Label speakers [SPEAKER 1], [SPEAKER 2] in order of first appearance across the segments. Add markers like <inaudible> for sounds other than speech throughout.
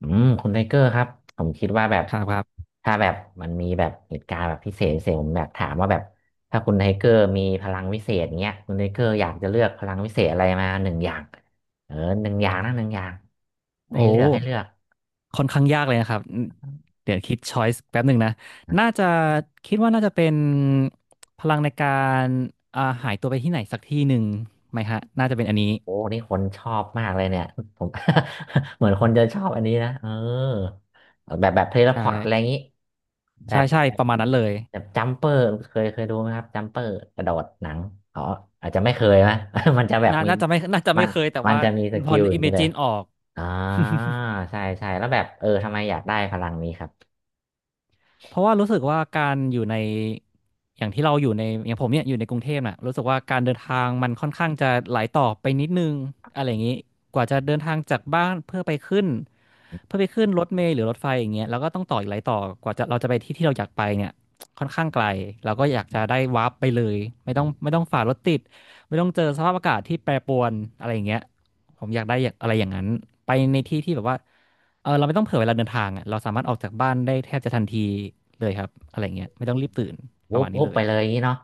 [SPEAKER 1] คุณไทเกอร์ครับผมคิดว่าแบบ
[SPEAKER 2] ครับครับ
[SPEAKER 1] ถ้าแบบมันมีแบบเหตุการณ์แบบพิเศษพิเศษผมแบบถามว่าแบบถ้าคุณไทเกอร์มีพลังวิเศษเงี้ยคุณไทเกอร์อยากจะเลือกพลังวิเศษอะไรมาหนึ่งอย่างเออหนึ่งอย่างนะหนึ่งอย่าง
[SPEAKER 2] โอ้
[SPEAKER 1] ให้เลือกให้เลือก
[SPEAKER 2] ค่อนข้างยากเลยนะครับเดี๋ยวคิดช้อยส์แป๊บหนึ่งนะน่าจะคิดว่าน่าจะเป็นพลังในการหายตัวไปที่ไหนสักที่หนึ่งไหมฮะน่าจะเป็นอันนี้
[SPEAKER 1] โอ้นี่คนชอบมากเลยเนี่ยผม <laughs> เหมือนคนจะชอบอันนี้นะเออแบบแบบเทเลพ
[SPEAKER 2] ใช่
[SPEAKER 1] อร์ตอะไรอย่างนี้แบ
[SPEAKER 2] ใช่
[SPEAKER 1] บ
[SPEAKER 2] ใช่
[SPEAKER 1] แบบ
[SPEAKER 2] ประมาณนั้นเลย
[SPEAKER 1] แบบจัมเปอร์เคยดูไหมครับจัมเปอร์กระโดดหนังอ๋ออาจจะไม่เคยนะ <laughs> มันจะแบบมี
[SPEAKER 2] น่าจะ
[SPEAKER 1] มั
[SPEAKER 2] ไม่
[SPEAKER 1] น
[SPEAKER 2] เคยแต่
[SPEAKER 1] มัน
[SPEAKER 2] ว่า
[SPEAKER 1] จะมีส
[SPEAKER 2] พอ
[SPEAKER 1] กิลอย่างนี้เลย
[SPEAKER 2] imagine ออก
[SPEAKER 1] อ่าใช่ใช่แล้วแบบเออทำไมอยากได้พลังนี้ครับ
[SPEAKER 2] เพราะว่ารู้สึกว่าการอยู่ในอย่างที่เราอยู่ในอย่างผมเนี่ยอยู่ในกรุงเทพน่ะรู้สึกว่าการเดินทางมันค่อนข้างจะหลายต่อไปนิดนึงอะไรอย่างนี้กว่าจะเดินทางจากบ้านเพื่อไปขึ้นเพื่อไปขึ้นรถเมล์หรือรถไฟอย่างเงี้ยแล้วก็ต้องต่ออีกหลายต่อกว่าจะเราจะไปที่ที่เราอยากไปเนี่ยค่อนข้างไกลเราก็อยากจะได้วาร์ปไปเลยไม่ต้องฝ่ารถติดไม่ต้องเจอสภาพอากาศที่แปรปรวนอะไรอย่างเงี้ย ผมอยากได้อย่างอะไรอย่างนั้นไปในที่ที่แบบว่าเออเราไม่ต้องเผื่อเวลาเดินทางอ่ะเราสามารถออกจากบ้านได้แทบจะทันทีเลยครับอะไรเงี้ยไม่ต้องรีบตื่นป
[SPEAKER 1] วุ
[SPEAKER 2] ระ
[SPEAKER 1] บ
[SPEAKER 2] มาณนี้
[SPEAKER 1] วุบ
[SPEAKER 2] เล
[SPEAKER 1] ไป
[SPEAKER 2] ย
[SPEAKER 1] เลยอย่างนี้เนาะ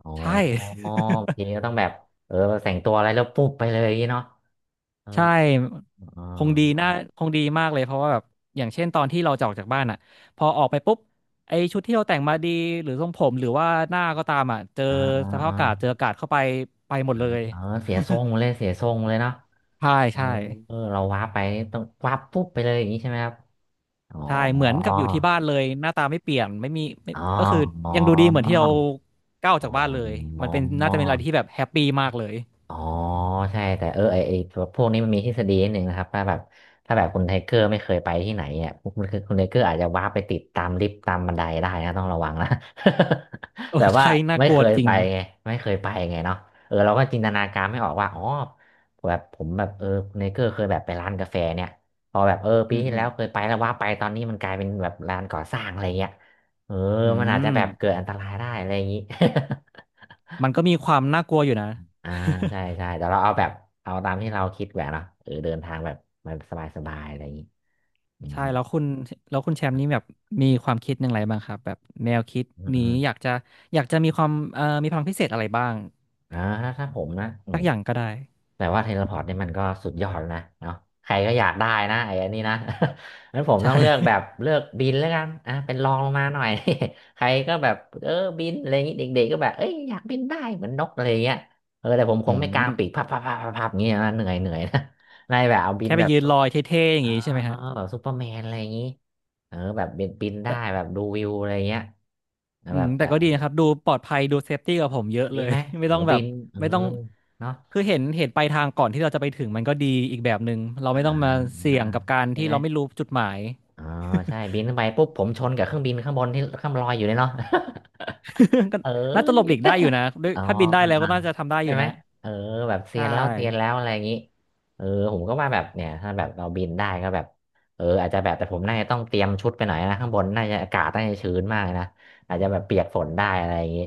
[SPEAKER 1] อ๋อ
[SPEAKER 2] ใช่ <laughs>
[SPEAKER 1] บางทีก็ต้องแบบเออแต่งตัวอะไรแล้วปุ๊บไปเลยอย่างนี้เนาะเออ
[SPEAKER 2] ใช่
[SPEAKER 1] อ๋อ
[SPEAKER 2] คงดี
[SPEAKER 1] อ๋อ
[SPEAKER 2] น่าคงดีมากเลยเพราะว่าแบบอย่างเช่นตอนที่เราจะออกจากบ้านอ่ะพอออกไปปุ๊บไอชุดที่เราแต่งมาดีหรือทรงผมหรือว่าหน้าก็ตามอ่ะเจอ
[SPEAKER 1] อ๋อ
[SPEAKER 2] สภา
[SPEAKER 1] อ๋
[SPEAKER 2] พ
[SPEAKER 1] อ
[SPEAKER 2] อากาศเจออากาศเข้าไปไปหมดเลย
[SPEAKER 1] เออเสียทรงเลยเสียทรงเลยเนาะ
[SPEAKER 2] <laughs> ใช่
[SPEAKER 1] เออ
[SPEAKER 2] ใช่
[SPEAKER 1] เออเราวาร์ปไปต้องวาร์ปปุ๊บไปเลยอย่างนี้ใช่ไหมครับอ๋อ
[SPEAKER 2] ใช่เหมือนกับอยู่ที่บ้านเลยหน้าตาไม่เปลี่ยนไม่มีไม่
[SPEAKER 1] อ๋อ
[SPEAKER 2] ก็คือ
[SPEAKER 1] อ๋อ
[SPEAKER 2] ยังดูดีเหมือนที่เราก้าวออกจากบ้านเลย
[SPEAKER 1] อ๋
[SPEAKER 2] มันเป็นน่าจะเป็นอะไรที่
[SPEAKER 1] อ
[SPEAKER 2] แบบแฮปปี้มากเลย
[SPEAKER 1] อ๋อใช่แต่เออไอตัวพวกนี้มันมีทฤษฎีนิดหนึ่งนะครับถ้าแบบถ้าแบบคุณไทเกอร์ไม่เคยไปที่ไหนเนี่ยคุณคือคุณไทเกอร์อาจจะว้าไปติดตามลิฟต์ตามบันไดได้นะต้องระวังนะ
[SPEAKER 2] เอ
[SPEAKER 1] <laughs> แบ
[SPEAKER 2] อ
[SPEAKER 1] บว่า
[SPEAKER 2] ใช่น่า
[SPEAKER 1] ไม่
[SPEAKER 2] กลั
[SPEAKER 1] เค
[SPEAKER 2] ว
[SPEAKER 1] ย
[SPEAKER 2] จริ
[SPEAKER 1] ไป
[SPEAKER 2] ง
[SPEAKER 1] ไงไม่เคยไปไงเนาะเออเราก็จินตนาการไม่ออกว่าอ๋อแบบผมแบบเออคุณไทเกอร์เคยแบบไปร้านกาแฟเนี่ยพอแบบเออ
[SPEAKER 2] อื
[SPEAKER 1] ปี
[SPEAKER 2] ม
[SPEAKER 1] ที่
[SPEAKER 2] อื
[SPEAKER 1] แล้
[SPEAKER 2] ม
[SPEAKER 1] วเคยไปแล้วว่าไปตอนนี้มันกลายเป็นแบบร้านก่อสร้างอะไรเงี้ยเออ
[SPEAKER 2] อื
[SPEAKER 1] มันอาจจะ
[SPEAKER 2] ม
[SPEAKER 1] แบบเกิดอันตรายได้อะไรอย่างนี้ <laughs>
[SPEAKER 2] มันก็มีความน่ากลัวอยู่นะ
[SPEAKER 1] อ่าใช่
[SPEAKER 2] <laughs>
[SPEAKER 1] ใช่แต่เราเอาแบบเอาตามที่เราคิดแหวะเนาะเออเดินทางแบบมันสบายสบายอะไรอย่างนี้อืม
[SPEAKER 2] ใช่แล้วคุณแล้วคุณแชมป์นี่แบบมีความคิดอย่างไรบ้างครับแบบแนวคิด
[SPEAKER 1] อืมอื
[SPEAKER 2] นี้
[SPEAKER 1] ม
[SPEAKER 2] อยากจะอยากจะมีความมีพลังพิเศษอะไรบ้าง
[SPEAKER 1] ถ้าผมนะ
[SPEAKER 2] สักอย่างก็ได้
[SPEAKER 1] แต่ว่าเทเลพอร์ตเนี่ยมันก็สุดยอดแล้วนะเนาะใครก็อยากได้นะไอ้อันนี้นะ <laughs> งั้นผม
[SPEAKER 2] ใช
[SPEAKER 1] ต้องเลือกแบบ
[SPEAKER 2] ่
[SPEAKER 1] เลือกบินแล้วกันอ่ะเป็นรองลงมาหน่อย <laughs> ใครก็แบบเออบินอะไรอย่างนี้เด็กๆก็แบบเอ้ยอยากบินได้เหมือนนกอะไรอย่างเงี้ยเออแต่ผม
[SPEAKER 2] <laughs>
[SPEAKER 1] ค
[SPEAKER 2] อื
[SPEAKER 1] งไม่กางปีก
[SPEAKER 2] ม
[SPEAKER 1] พับพับพับพับอย่างเงี้ยนะเหนื่อยเหนื่อยนะ <laughs> นายแบบเอาบิ
[SPEAKER 2] แค่
[SPEAKER 1] น
[SPEAKER 2] ไป
[SPEAKER 1] แบบ
[SPEAKER 2] ยืนลอยเท่ๆอย่าง
[SPEAKER 1] อ๋อ
[SPEAKER 2] นี้ใช่ไหมฮะ
[SPEAKER 1] แบบซูเปอร์แมนอะไรอย่างนี้เออแบบบินบินได้แบบดูวิวอะไรเงี้ยแล้ว
[SPEAKER 2] อื
[SPEAKER 1] แบ
[SPEAKER 2] ม
[SPEAKER 1] บ
[SPEAKER 2] แต่
[SPEAKER 1] แบ
[SPEAKER 2] ก็ดีนะ
[SPEAKER 1] บ
[SPEAKER 2] ครับดูปลอดภัยดูเซฟตี้กับผมเยอะ
[SPEAKER 1] ดี
[SPEAKER 2] เลย
[SPEAKER 1] ไหม
[SPEAKER 2] <laughs> ไม่
[SPEAKER 1] เออ
[SPEAKER 2] ต้องแบ
[SPEAKER 1] บิ
[SPEAKER 2] บ
[SPEAKER 1] นเออ
[SPEAKER 2] ไม่ต้อง
[SPEAKER 1] เนาะ
[SPEAKER 2] คือเห็นเห็นปลายทางก่อนที่เราจะไปถึงมันก็ดีอีกแบบหนึ่งเรา
[SPEAKER 1] อ่า
[SPEAKER 2] ไม่ต้องมาเสี่
[SPEAKER 1] อ่า
[SPEAKER 2] ยงกับการ
[SPEAKER 1] ใช่
[SPEAKER 2] ที่
[SPEAKER 1] ไหม
[SPEAKER 2] เราไม่รู้จุดหมาย
[SPEAKER 1] อ๋อใช่บินขึ้นไปปุ๊บผมชนกับเครื่องบินข้างบนที่ข้างลอยอยู่เลยเนาะ
[SPEAKER 2] <laughs> ก็
[SPEAKER 1] <laughs> เออ
[SPEAKER 2] น่าจะหลบหลีกได้อยู่นะด้วย
[SPEAKER 1] <laughs> อ๋อ
[SPEAKER 2] ถ้าบินได้แล้วก็น่าจะทำได้อ
[SPEAKER 1] ใช่
[SPEAKER 2] ยู่
[SPEAKER 1] ไหม
[SPEAKER 2] นะ
[SPEAKER 1] เออแบบเซีย
[SPEAKER 2] ใช่
[SPEAKER 1] นแล้วเซียนแล้วอะไรอย่างนี้เออผมก็ว่าแบบเนี่ยถ้าแบบเราบินได้ก็แบบเอออาจจะแบบแต่ผมน่าจะต้องเตรียมชุดไปหน่อยนะข้างบนน่าจะอากาศน่าจะชื้นมากนะอาจจะแบบเปียกฝนได้อะไรอย่างนี้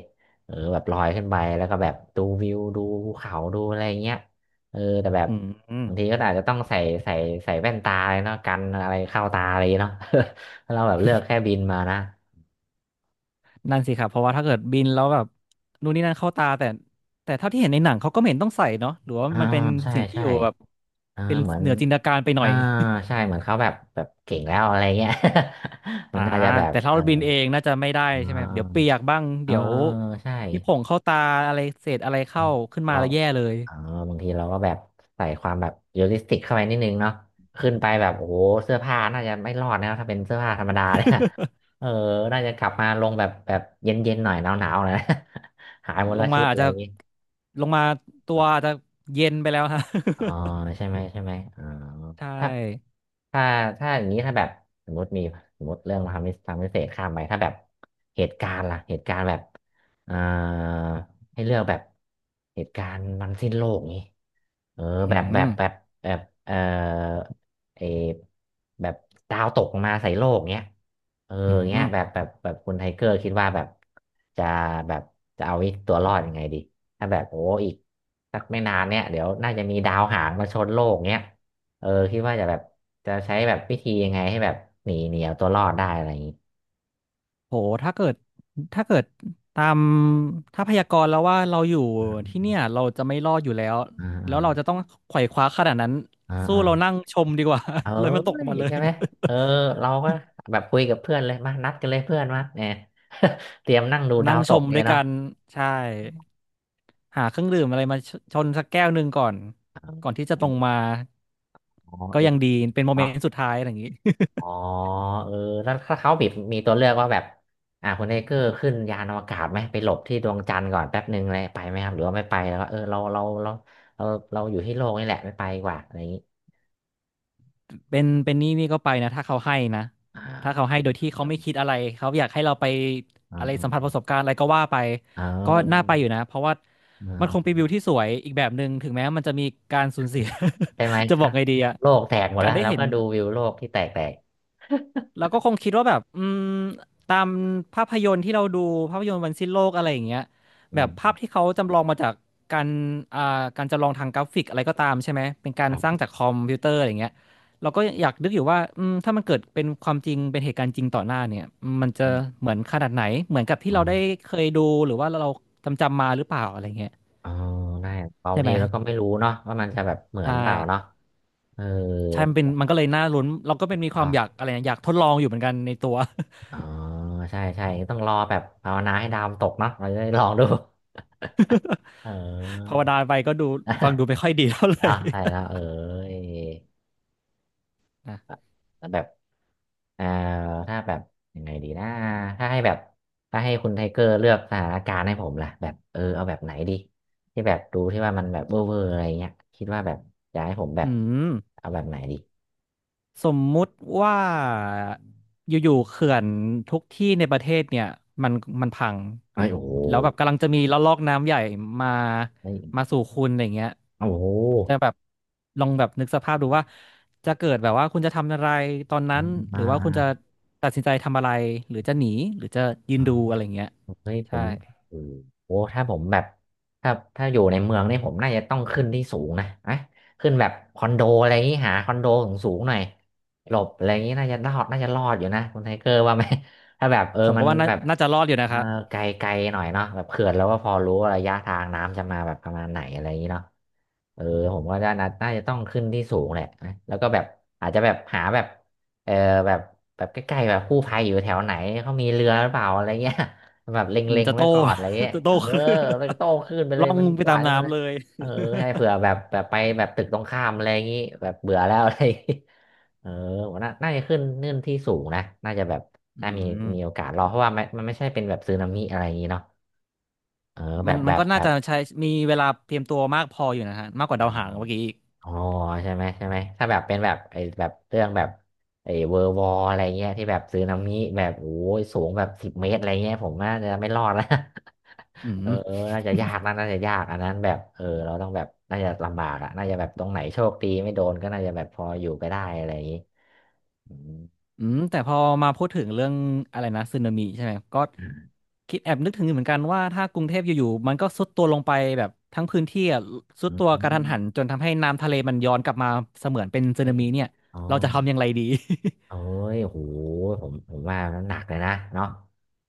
[SPEAKER 1] เออแบบลอยขึ้นไปแล้วก็แบบดูวิวดูภูเขาดูอะไรอย่างเงี้ยเออแต่แบบ
[SPEAKER 2] อืม
[SPEAKER 1] บางทีก็อาจจะต้องใส่ใส่ใส่แว่นตาเลยเนาะกันอะไรเข้าตาอะไรอย่างงี้เนาะ <laughs> ถ้าเราแบบเลือกแค่บินมานะ
[SPEAKER 2] นั่นสิครับเพราะว่าถ้าเกิดบินแล้วแบบนู่นนี่นั่นเข้าตาแต่แต่เท่าที่เห็นในหนังเขาก็ไม่เห็นต้องใส่เนาะหรือว่า
[SPEAKER 1] อ่า
[SPEAKER 2] มันเป็น
[SPEAKER 1] ใช่
[SPEAKER 2] สิ่งที่
[SPEAKER 1] ใช่
[SPEAKER 2] อยู่แบบเป็น
[SPEAKER 1] เหมือน
[SPEAKER 2] เหนือจินตนาการไปหน่
[SPEAKER 1] อ่า
[SPEAKER 2] อย
[SPEAKER 1] ใช่เหมือนเขาแบบแบบเก่งแล้วอะไรเงี้ย <laughs> มั
[SPEAKER 2] อ่า
[SPEAKER 1] นน่าจะแบบ
[SPEAKER 2] แต่ถ้า
[SPEAKER 1] เออ
[SPEAKER 2] เราบินเองน่าจะไม่ได้ใช่ไหมเดี๋ยวเปียกบ้าง
[SPEAKER 1] เออ
[SPEAKER 2] เดี๋ยว
[SPEAKER 1] ใช่
[SPEAKER 2] ที่ผงเข้าตาอะไรเศษอะไร
[SPEAKER 1] อื
[SPEAKER 2] เข้า
[SPEAKER 1] ม
[SPEAKER 2] ขึ้นมา
[SPEAKER 1] เรา
[SPEAKER 2] แล้วแย่เลย
[SPEAKER 1] เออบางทีเราก็แบบใส่ความแบบเรียลลิสติกเข้าไปนิดนึงเนาะขึ้นไปแบบโอ้โหเสื้อผ้าน่าจะไม่รอดนะถ้าเป็นเสื้อผ้าธรรมดาเนี่ย <laughs> เออน่าจะกลับมาลงแบบแบบเย็นๆหน่อยหนาวๆหน่อยนะ <laughs> หายหมด
[SPEAKER 2] <laughs> ล
[SPEAKER 1] ละ
[SPEAKER 2] ง
[SPEAKER 1] ชุ
[SPEAKER 2] มา
[SPEAKER 1] ด
[SPEAKER 2] อา
[SPEAKER 1] อะ
[SPEAKER 2] จ
[SPEAKER 1] ไร
[SPEAKER 2] จะ
[SPEAKER 1] อย่างงี้
[SPEAKER 2] ลงมาตัวอาจจะเย็นไปแล้วฮะ <laughs>
[SPEAKER 1] อ๋อใช่ไหมใช่ไหมอ๋อ
[SPEAKER 2] ใช
[SPEAKER 1] ถ้า
[SPEAKER 2] ่
[SPEAKER 1] ถ้าถ้าอย่างนี้ถ้าแบบสมมติมีสมมติเรื่องทำพิทำพิเศษข้ามไปถ้าแบบเหตุการณ์ล่ะเหตุการณ์แบบเอ่อให้เลือกแบบเหตุการณ์มันสิ้นโลกนี้เออแบ
[SPEAKER 2] อื
[SPEAKER 1] บแบบ
[SPEAKER 2] ม
[SPEAKER 1] แบบแบบเอ่อเออแบบดาวตกมาใส่โลกเนี้ยเออ
[SPEAKER 2] อืม
[SPEAKER 1] เงี้ยแบบแบบแบบคุณไทเกอร์คิดว่าแบบจะแบบจะเอาตัวรอดยังไงดีถ้าแบบโอ้อีกสักไม่นานเนี่ยเดี๋ยวน่าจะมีดาวหางมาชนโลกเนี้ย เออคิดว่าจะแบบจะใช้แบบวิธียังไงให้แบบหนีหนีเอาตัวรอดได้อะไรอย่างนี้
[SPEAKER 2] โหถ้าเกิดถ้าเกิดตามถ้าพยากรณ์แล้วว่าเราอยู่ที่เนี่ยเราจะไม่รอดอยู่แล้ว
[SPEAKER 1] อ่
[SPEAKER 2] แล้วเราจะ
[SPEAKER 1] า
[SPEAKER 2] ต้องไขว่คว้าขนาดนั้น
[SPEAKER 1] อ่า
[SPEAKER 2] สู้
[SPEAKER 1] อ่า
[SPEAKER 2] เรา
[SPEAKER 1] อ่า
[SPEAKER 2] นั่งชมดีกว่า
[SPEAKER 1] เออ
[SPEAKER 2] <laughs> เลยมันตกลงมาเลย
[SPEAKER 1] ใช่ไหมเออเราก็แบบคุยกับเพื่อนเลยมานัดกันเลยเพื่อนมาเนี่ย <laughs> เตรียมนั่งดู
[SPEAKER 2] <laughs>
[SPEAKER 1] ดา
[SPEAKER 2] นั่ง
[SPEAKER 1] วต
[SPEAKER 2] ช
[SPEAKER 1] ก
[SPEAKER 2] มด้ว
[SPEAKER 1] เนี่ย
[SPEAKER 2] ยกั
[SPEAKER 1] เนาะ
[SPEAKER 2] นใช่ หาเครื่องดื่มอะไรมาชชนสักแก้วหนึ่งก่อนก่อนที่จะตรงมา
[SPEAKER 1] อ๋อ
[SPEAKER 2] ก็
[SPEAKER 1] เอ
[SPEAKER 2] ยั
[SPEAKER 1] อ
[SPEAKER 2] งดีเป็นโมเม
[SPEAKER 1] เนาะ
[SPEAKER 2] นต์สุดท้ายอะไรอย่างนี้ <laughs>
[SPEAKER 1] อ๋อเออแล้วถ้าเขาบิดมีตัวเลือกว่าแบบคุณเอเกอร์ขึ้นยานอวกาศไหมไปหลบที่ดวงจันทร์ก่อนแป๊บหนึ่งเลยไปไหมครับหรือว่าไม่ไปแล้วก็เออเราเราอยู่ที่โลกนี่แหละไม่ไปดีกว่าอะไรอย่างนี้
[SPEAKER 2] เป็นเป็นนี่นี่ก็ไปนะถ้าเขาให้นะ
[SPEAKER 1] อ่
[SPEAKER 2] ถ้าเขา
[SPEAKER 1] า
[SPEAKER 2] ให้โดยที่เขาไม่คิดอะไรเขาอยากให้เราไป
[SPEAKER 1] อ
[SPEAKER 2] อะไรสัมผัส
[SPEAKER 1] ่า
[SPEAKER 2] ประสบการณ์อะไรก็ว่าไป
[SPEAKER 1] เ
[SPEAKER 2] ก็น่าไป
[SPEAKER 1] ออ
[SPEAKER 2] อยู่นะเพราะว่า
[SPEAKER 1] เอ
[SPEAKER 2] มันคงเป็น
[SPEAKER 1] อ
[SPEAKER 2] วิวที่สวยอีกแบบหนึ่งถึงแม้มันจะมีการสูญเสีย
[SPEAKER 1] ใช่ไหม
[SPEAKER 2] <laughs> จะ
[SPEAKER 1] ค
[SPEAKER 2] บ
[SPEAKER 1] รั
[SPEAKER 2] อก
[SPEAKER 1] บ
[SPEAKER 2] ไงดีอะ
[SPEAKER 1] โลกแตกหมด
[SPEAKER 2] กา
[SPEAKER 1] แล้
[SPEAKER 2] ร
[SPEAKER 1] ว
[SPEAKER 2] ได้
[SPEAKER 1] แล้ว
[SPEAKER 2] เห็น
[SPEAKER 1] ก็ดูวิวโลกที่แตกแตก
[SPEAKER 2] เราก็คงคิดว่าแบบอืมตามภาพยนตร์ที่เราดูภาพยนตร์วันสิ้นโลกอะไรอย่างเงี้ย
[SPEAKER 1] <laughs> อื
[SPEAKER 2] แบบ
[SPEAKER 1] ม
[SPEAKER 2] ภาพที่เขาจำลองมาจากการอ่าการจำลองทางกราฟิกอะไรก็ตามใช่ไหมเป็นกา
[SPEAKER 1] ค
[SPEAKER 2] ร
[SPEAKER 1] รั
[SPEAKER 2] สร้าง
[SPEAKER 1] บ
[SPEAKER 2] จากคอมพิวเตอร์อะไรเงี้ยเราก็อยากนึกอยู่ว่าอืมถ้ามันเกิดเป็นความจริงเป็นเหตุการณ์จริงต่อหน้าเนี่ยมัน
[SPEAKER 1] อื
[SPEAKER 2] จะ
[SPEAKER 1] ม
[SPEAKER 2] เหมือนขนาดไหนเหมือนกับที่เราได้
[SPEAKER 1] อ่า
[SPEAKER 2] เคยดูหรือว่าเราจำมาหรือเปล่าอะไรเงี้ย
[SPEAKER 1] เออได้บาง
[SPEAKER 2] ใช่ไห
[SPEAKER 1] ที
[SPEAKER 2] ม
[SPEAKER 1] แล้วก็ไม่รู้เนาะว่ามันจะแบบเหมือน
[SPEAKER 2] ใช่
[SPEAKER 1] เปล่าเนาะเออ
[SPEAKER 2] ใช่มันเป็นมันก็เลยน่าลุ้นเราก็เป็นมีความ
[SPEAKER 1] เนาะ
[SPEAKER 2] อยากอะไรนะอยากทดลองอยู่เหมือนกันในตัว
[SPEAKER 1] อ๋อใช่ใช่ต้องรอแบบภาวนาให้ดาวมันตกเนาะเราจะได้ลองดู <laughs> เออ
[SPEAKER 2] ภาวนาไปก็ดูฟัง
[SPEAKER 1] <laughs>
[SPEAKER 2] ดูไม่ค่อยดีเท่าไหร่
[SPEAKER 1] เนาะใช่แล้วเออ
[SPEAKER 2] <laughs> นะ
[SPEAKER 1] แต่แบบ เอ่อถ้าแบบยังไงดีนะถ้าให้แบบถ้าให้คุณไทเกอร์เลือกสถานการณ์ให้ผมล่ะแบบเออเอาแบบไหนดีที่แบบดูที่ว่ามันแบบเวอร์เวอร์อะไรเงี้ยคิดว่าแบบอยากให้ผมแบบ
[SPEAKER 2] อืม
[SPEAKER 1] เอาแบบไหนดี
[SPEAKER 2] สมมุติว่าอยู่ๆเขื่อนทุกที่ในประเทศเนี่ยมันมันพัง
[SPEAKER 1] ไอ้ยโอ้โห
[SPEAKER 2] แล้วแบบกำลังจะมีละลอกน้ำใหญ่มา
[SPEAKER 1] เฮ้ย
[SPEAKER 2] สู่คุณอะไรเงี้ย
[SPEAKER 1] โอ้โห
[SPEAKER 2] จะแบบลองแบบนึกสภาพดูว่าจะเกิดแบบว่าคุณจะทำอะไรตอน
[SPEAKER 1] อ่า
[SPEAKER 2] นั้น
[SPEAKER 1] อ่
[SPEAKER 2] หรือว่าคุณจะ
[SPEAKER 1] า
[SPEAKER 2] ตัดสินใจทำอะไรหรือจะหนีหรือจะยืน
[SPEAKER 1] อ่า
[SPEAKER 2] ดูอะไรเงี้ย
[SPEAKER 1] เฮ้ยผ
[SPEAKER 2] ใช่
[SPEAKER 1] มโอ้โหถ้าผมแบบถ้าถ้าอยู่ในเมืองนี่ผมน่าจะต้องขึ้นที่สูงนะอะขึ้นแบบคอนโดอะไรอย่างงี้หาคอนโดสูงสูงหน่อยหลบอะไรอย่างงี้น่าจะรอดน่าจะรอดอยู่นะคุณไทเกอร์ว่าไหม <laughs> ถ้าแบบเออ
[SPEAKER 2] ผม
[SPEAKER 1] มั
[SPEAKER 2] ก็
[SPEAKER 1] น
[SPEAKER 2] ว่า
[SPEAKER 1] แบบ
[SPEAKER 2] น่าจะรอดอยู่
[SPEAKER 1] เอ
[SPEAKER 2] นะ
[SPEAKER 1] อ
[SPEAKER 2] คะ
[SPEAKER 1] ไกลไกลหน่อยเนาะแบบเขื่อนแล้วก็พอรู้ว่าระยะทางน้ำจะมาแบบประมาณไหนอะไรอย่างงี้เนาะเออผมว่าน่าน่าจะต้องขึ้นที่สูงแหละนะแล้วก็แบบอาจจะแบบหาแบบเออแบบแบบใกล้ๆแบบกู้ภัยอยู่แถวไหนเขามีเรือหรือเปล่าอะไรเงี้ย แบบเล
[SPEAKER 2] อืม
[SPEAKER 1] ็ง
[SPEAKER 2] จะ
[SPEAKER 1] ๆ
[SPEAKER 2] โต
[SPEAKER 1] ไว้ก่อนอะไรเงี้ย
[SPEAKER 2] <laughs> จะโต
[SPEAKER 1] เอ
[SPEAKER 2] ค
[SPEAKER 1] อ
[SPEAKER 2] <laughs> ลื่น
[SPEAKER 1] แล้วก็โต้ขึ้นไป
[SPEAKER 2] <laughs>
[SPEAKER 1] เล
[SPEAKER 2] ล่
[SPEAKER 1] ย
[SPEAKER 2] อง
[SPEAKER 1] มัน
[SPEAKER 2] ไป
[SPEAKER 1] ไหล
[SPEAKER 2] ตาม
[SPEAKER 1] มาเล
[SPEAKER 2] น้ำ
[SPEAKER 1] ย
[SPEAKER 2] เลย
[SPEAKER 1] เออให้เผื่อแบบแบบไปแบบตึกตรงข้ามอะไรอย่างงี้แบบเบื่อแล้วอะไรอย่างงี้เออผมน่าน่าจะขึ้นนื่นที่สูงนะน่าจะแบบ
[SPEAKER 2] อื
[SPEAKER 1] น่ามี
[SPEAKER 2] ม
[SPEAKER 1] มีโอกาสรอดเพราะว่ามันมันไม่ใช่เป็นแบบสึนามิอะไรอย่างงี้เนาะเออแบ
[SPEAKER 2] มัน
[SPEAKER 1] บแบ
[SPEAKER 2] มัน
[SPEAKER 1] บ
[SPEAKER 2] ก็
[SPEAKER 1] แบ
[SPEAKER 2] น่า
[SPEAKER 1] บ
[SPEAKER 2] จะใช้มีเวลาเตรียมตัวมากพออยู่นะฮะมากก
[SPEAKER 1] อ
[SPEAKER 2] ว่าดาวหาง
[SPEAKER 1] ม
[SPEAKER 2] เมื่อกี้อีก
[SPEAKER 1] อ๋อใช่ไหมใช่ไหมถ้าแบบเป็นแบบไอ้แบบเรื่องแบบไอ้เวอร์วอลอะไรเงี้ยที่แบบสึนามิแบบโอ้ยสูงแบบ10 เมตรอะไรเงี้ยผมน่าจะไม่รอดแล้ว
[SPEAKER 2] อื
[SPEAKER 1] เออ
[SPEAKER 2] ม
[SPEAKER 1] เออน่าจะยากนะน่าจะยากอันนั้นแบบเออเราต้องแบบน่าจะลำบากอะน่าจะแบบตรงไหนโชคดีไม่โดนก็น่าจะแบบพออยู่ไปได้อะไรอย่างนี้อืม
[SPEAKER 2] อืมแต่พอมาพูดถึงเรื่องอะไรนะสึนามิใช่ไหมก็คิดแอบนึกถึงอยู่เหมือนกันว่าถ้ากรุงเทพอยู่ๆมันก็ทรุดตัวลงไปแบบทั้งพื้นที่อะทรุด
[SPEAKER 1] อื
[SPEAKER 2] ตัวกระทันหัน
[SPEAKER 1] ม
[SPEAKER 2] จนทำให้น้ำทะเลมันย้อนกลับมาเสมือนเป็นสึ
[SPEAKER 1] เฮ้ย
[SPEAKER 2] นามิเนี่ย
[SPEAKER 1] อ๋อ
[SPEAKER 2] เราจะทำอย่างไรดี
[SPEAKER 1] เอ้ยโหผมผมว่ามันหนักเลยนะเนาะ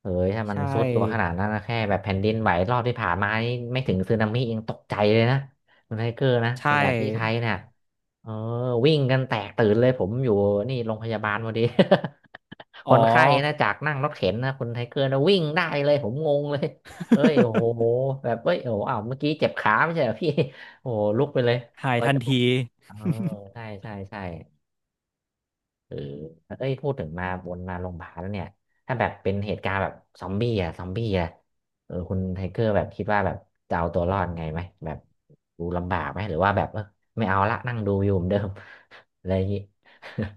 [SPEAKER 1] เอ้ยถ้า
[SPEAKER 2] <laughs>
[SPEAKER 1] มัน
[SPEAKER 2] ใช่
[SPEAKER 1] ซุดตัวขนาดนั้นนะแค่แบบแผ่นดินไหวรอบที่ผ่านมานี่ไม่ถึงสึนามิยังตกใจเลยนะคุณไทเกอร์นะ
[SPEAKER 2] ใช่
[SPEAKER 1] แต่แบบที่ไทยเนี่ยเออวิ่งกันแตกตื่นเลยผมอยู่นี่โรงพยาบาลพอดี <laughs> ค
[SPEAKER 2] อ๋อ
[SPEAKER 1] นไข้นะจากนั่งรถเข็นนะคุณไทเกอร์นะวิ่งได้เลยผมงงเลยเอ้ยโอ้โห
[SPEAKER 2] <laughs>
[SPEAKER 1] แบบเอ้ยโอ้โหอ้าวเมื่อกี้เจ็บขาไม่ใช่เหรอพี่ <laughs> โอ้โหลุกไปเลย
[SPEAKER 2] หาย
[SPEAKER 1] ก็
[SPEAKER 2] ทัน
[SPEAKER 1] จะลุก
[SPEAKER 2] ที <laughs>
[SPEAKER 1] เออใช่ใช่ใช่เออเอ้ยพูดถึงมาวนมาโรงพยาบาลแล้วเนี่ยถ้าแบบเป็นเหตุการณ์แบบซอมบี้อะซอมบี้อะเออคุณไทเกอร์แบบคิดว่าแบบจะเอาตัวรอดไงไหมแบบดูลำบากไหมหรือว่าแบบเออไม่เอาละนั่งดูอยู่เหมือนเดิม <laughs> อะไรอย่างงี้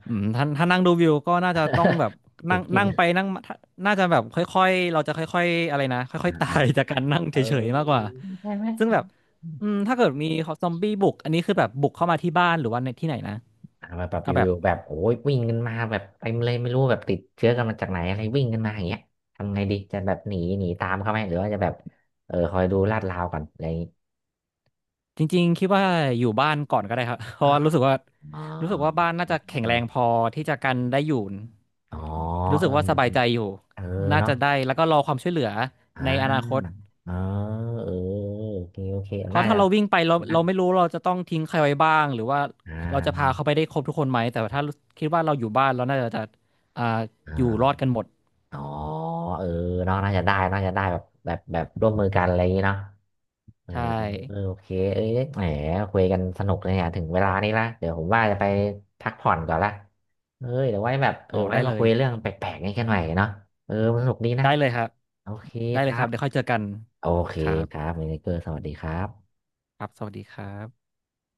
[SPEAKER 2] อืมถ้านั่งดูวิวก็น่าจะต้องแบบ
[SPEAKER 1] <laughs> ดู
[SPEAKER 2] นั่ง
[SPEAKER 1] กิน
[SPEAKER 2] นั่งไปนั่งมาถ้าน่าจะแบบค่อยๆเราจะค่อยๆอะไรนะค่
[SPEAKER 1] อ่
[SPEAKER 2] อยๆตา
[SPEAKER 1] า
[SPEAKER 2] ยจากการนั่ง
[SPEAKER 1] ๆเอ
[SPEAKER 2] เฉยๆมาก
[SPEAKER 1] อ
[SPEAKER 2] กว่า
[SPEAKER 1] ใช่ไหม
[SPEAKER 2] ซึ่งแบบอืมถ้าเกิดมีซอมบี้บุกอันนี้คือแบบบุกเข้ามาที่บ้านหรือว่าในที่ไหนนะ
[SPEAKER 1] อ่ามาแบบอ
[SPEAKER 2] เอาแบบ
[SPEAKER 1] ยู่ๆแบบโอ้ยวิ่งกันมาแบบเต็มเลยไม่รู้แบบติดเชื้อกันมาจากไหนอะไรวิ่งกันมาอย่างเงี้ยทำไงดีจะแบบหนีหนีตามเขาไหมหรือว่าจะแบบเออคอยดูลาดราวก่อนอะไรอย่างงี้
[SPEAKER 2] จริงๆคิดว่าอยู่บ้านก่อนก็ได้ครับ <laughs> เพ
[SPEAKER 1] อ๋อ
[SPEAKER 2] ราะว่ารู้สึกว่า
[SPEAKER 1] อ๋อ
[SPEAKER 2] บ้านน่าจะแข็งแรงพ
[SPEAKER 1] เออ
[SPEAKER 2] อที่จะกันได้อยู่
[SPEAKER 1] อ๋อ
[SPEAKER 2] รู้
[SPEAKER 1] เอ
[SPEAKER 2] สึ
[SPEAKER 1] อ
[SPEAKER 2] กว่าสบายใจอยู่
[SPEAKER 1] เออ
[SPEAKER 2] น่า
[SPEAKER 1] เนาะ
[SPEAKER 2] จะได้แล้วก็รอความช่วยเหลือ
[SPEAKER 1] อ่
[SPEAKER 2] ในอนาคต
[SPEAKER 1] าเออเออโอเคโอเค
[SPEAKER 2] เพ
[SPEAKER 1] น่า
[SPEAKER 2] ราะถ้า
[SPEAKER 1] จะ
[SPEAKER 2] เราวิ่งไป
[SPEAKER 1] นะ
[SPEAKER 2] เราไม่รู้เราจะต้องทิ้งใครไว้บ้างหรือว่า
[SPEAKER 1] อ่
[SPEAKER 2] เราจะพา
[SPEAKER 1] า
[SPEAKER 2] เขาไปได้ครบทุกคนไหมแต่ถ้าคิดว่าเราอยู่บ้านเราน่าจะอ่า
[SPEAKER 1] อ่า
[SPEAKER 2] อยู่รอดกันหมด
[SPEAKER 1] อ๋อเออเนาะน่าจะได้น่าจะได้แบบแบบแบบร่วมมือกันอะไรอย่างงี้เนาะ เออ
[SPEAKER 2] ใช่
[SPEAKER 1] โอเคเอ้ยแหมคุยกันสนุกเลยเนี่ยถึงเวลานี้ละเดี๋ยวผมว่าจะไปพักผ่อนก่อนละเอ้ยเดี๋ยวไว้แบบเอ
[SPEAKER 2] อ๋
[SPEAKER 1] อ
[SPEAKER 2] อ
[SPEAKER 1] ไว้
[SPEAKER 2] ได้เล
[SPEAKER 1] มาคุ
[SPEAKER 2] ย
[SPEAKER 1] ยเรื่องแปลกๆนี้กันหน่อยเนาะเออสนุกดีนะ
[SPEAKER 2] ได้เลยครับ
[SPEAKER 1] โอเค
[SPEAKER 2] ได้
[SPEAKER 1] ค
[SPEAKER 2] เลย
[SPEAKER 1] รั
[SPEAKER 2] ครั
[SPEAKER 1] บ
[SPEAKER 2] บเดี๋ยวค่อยเจอกัน
[SPEAKER 1] โอเค
[SPEAKER 2] ครั
[SPEAKER 1] ครั
[SPEAKER 2] บ
[SPEAKER 1] บเมเนเกอร์สวัสดีครับ
[SPEAKER 2] ครับสวัสดีครับ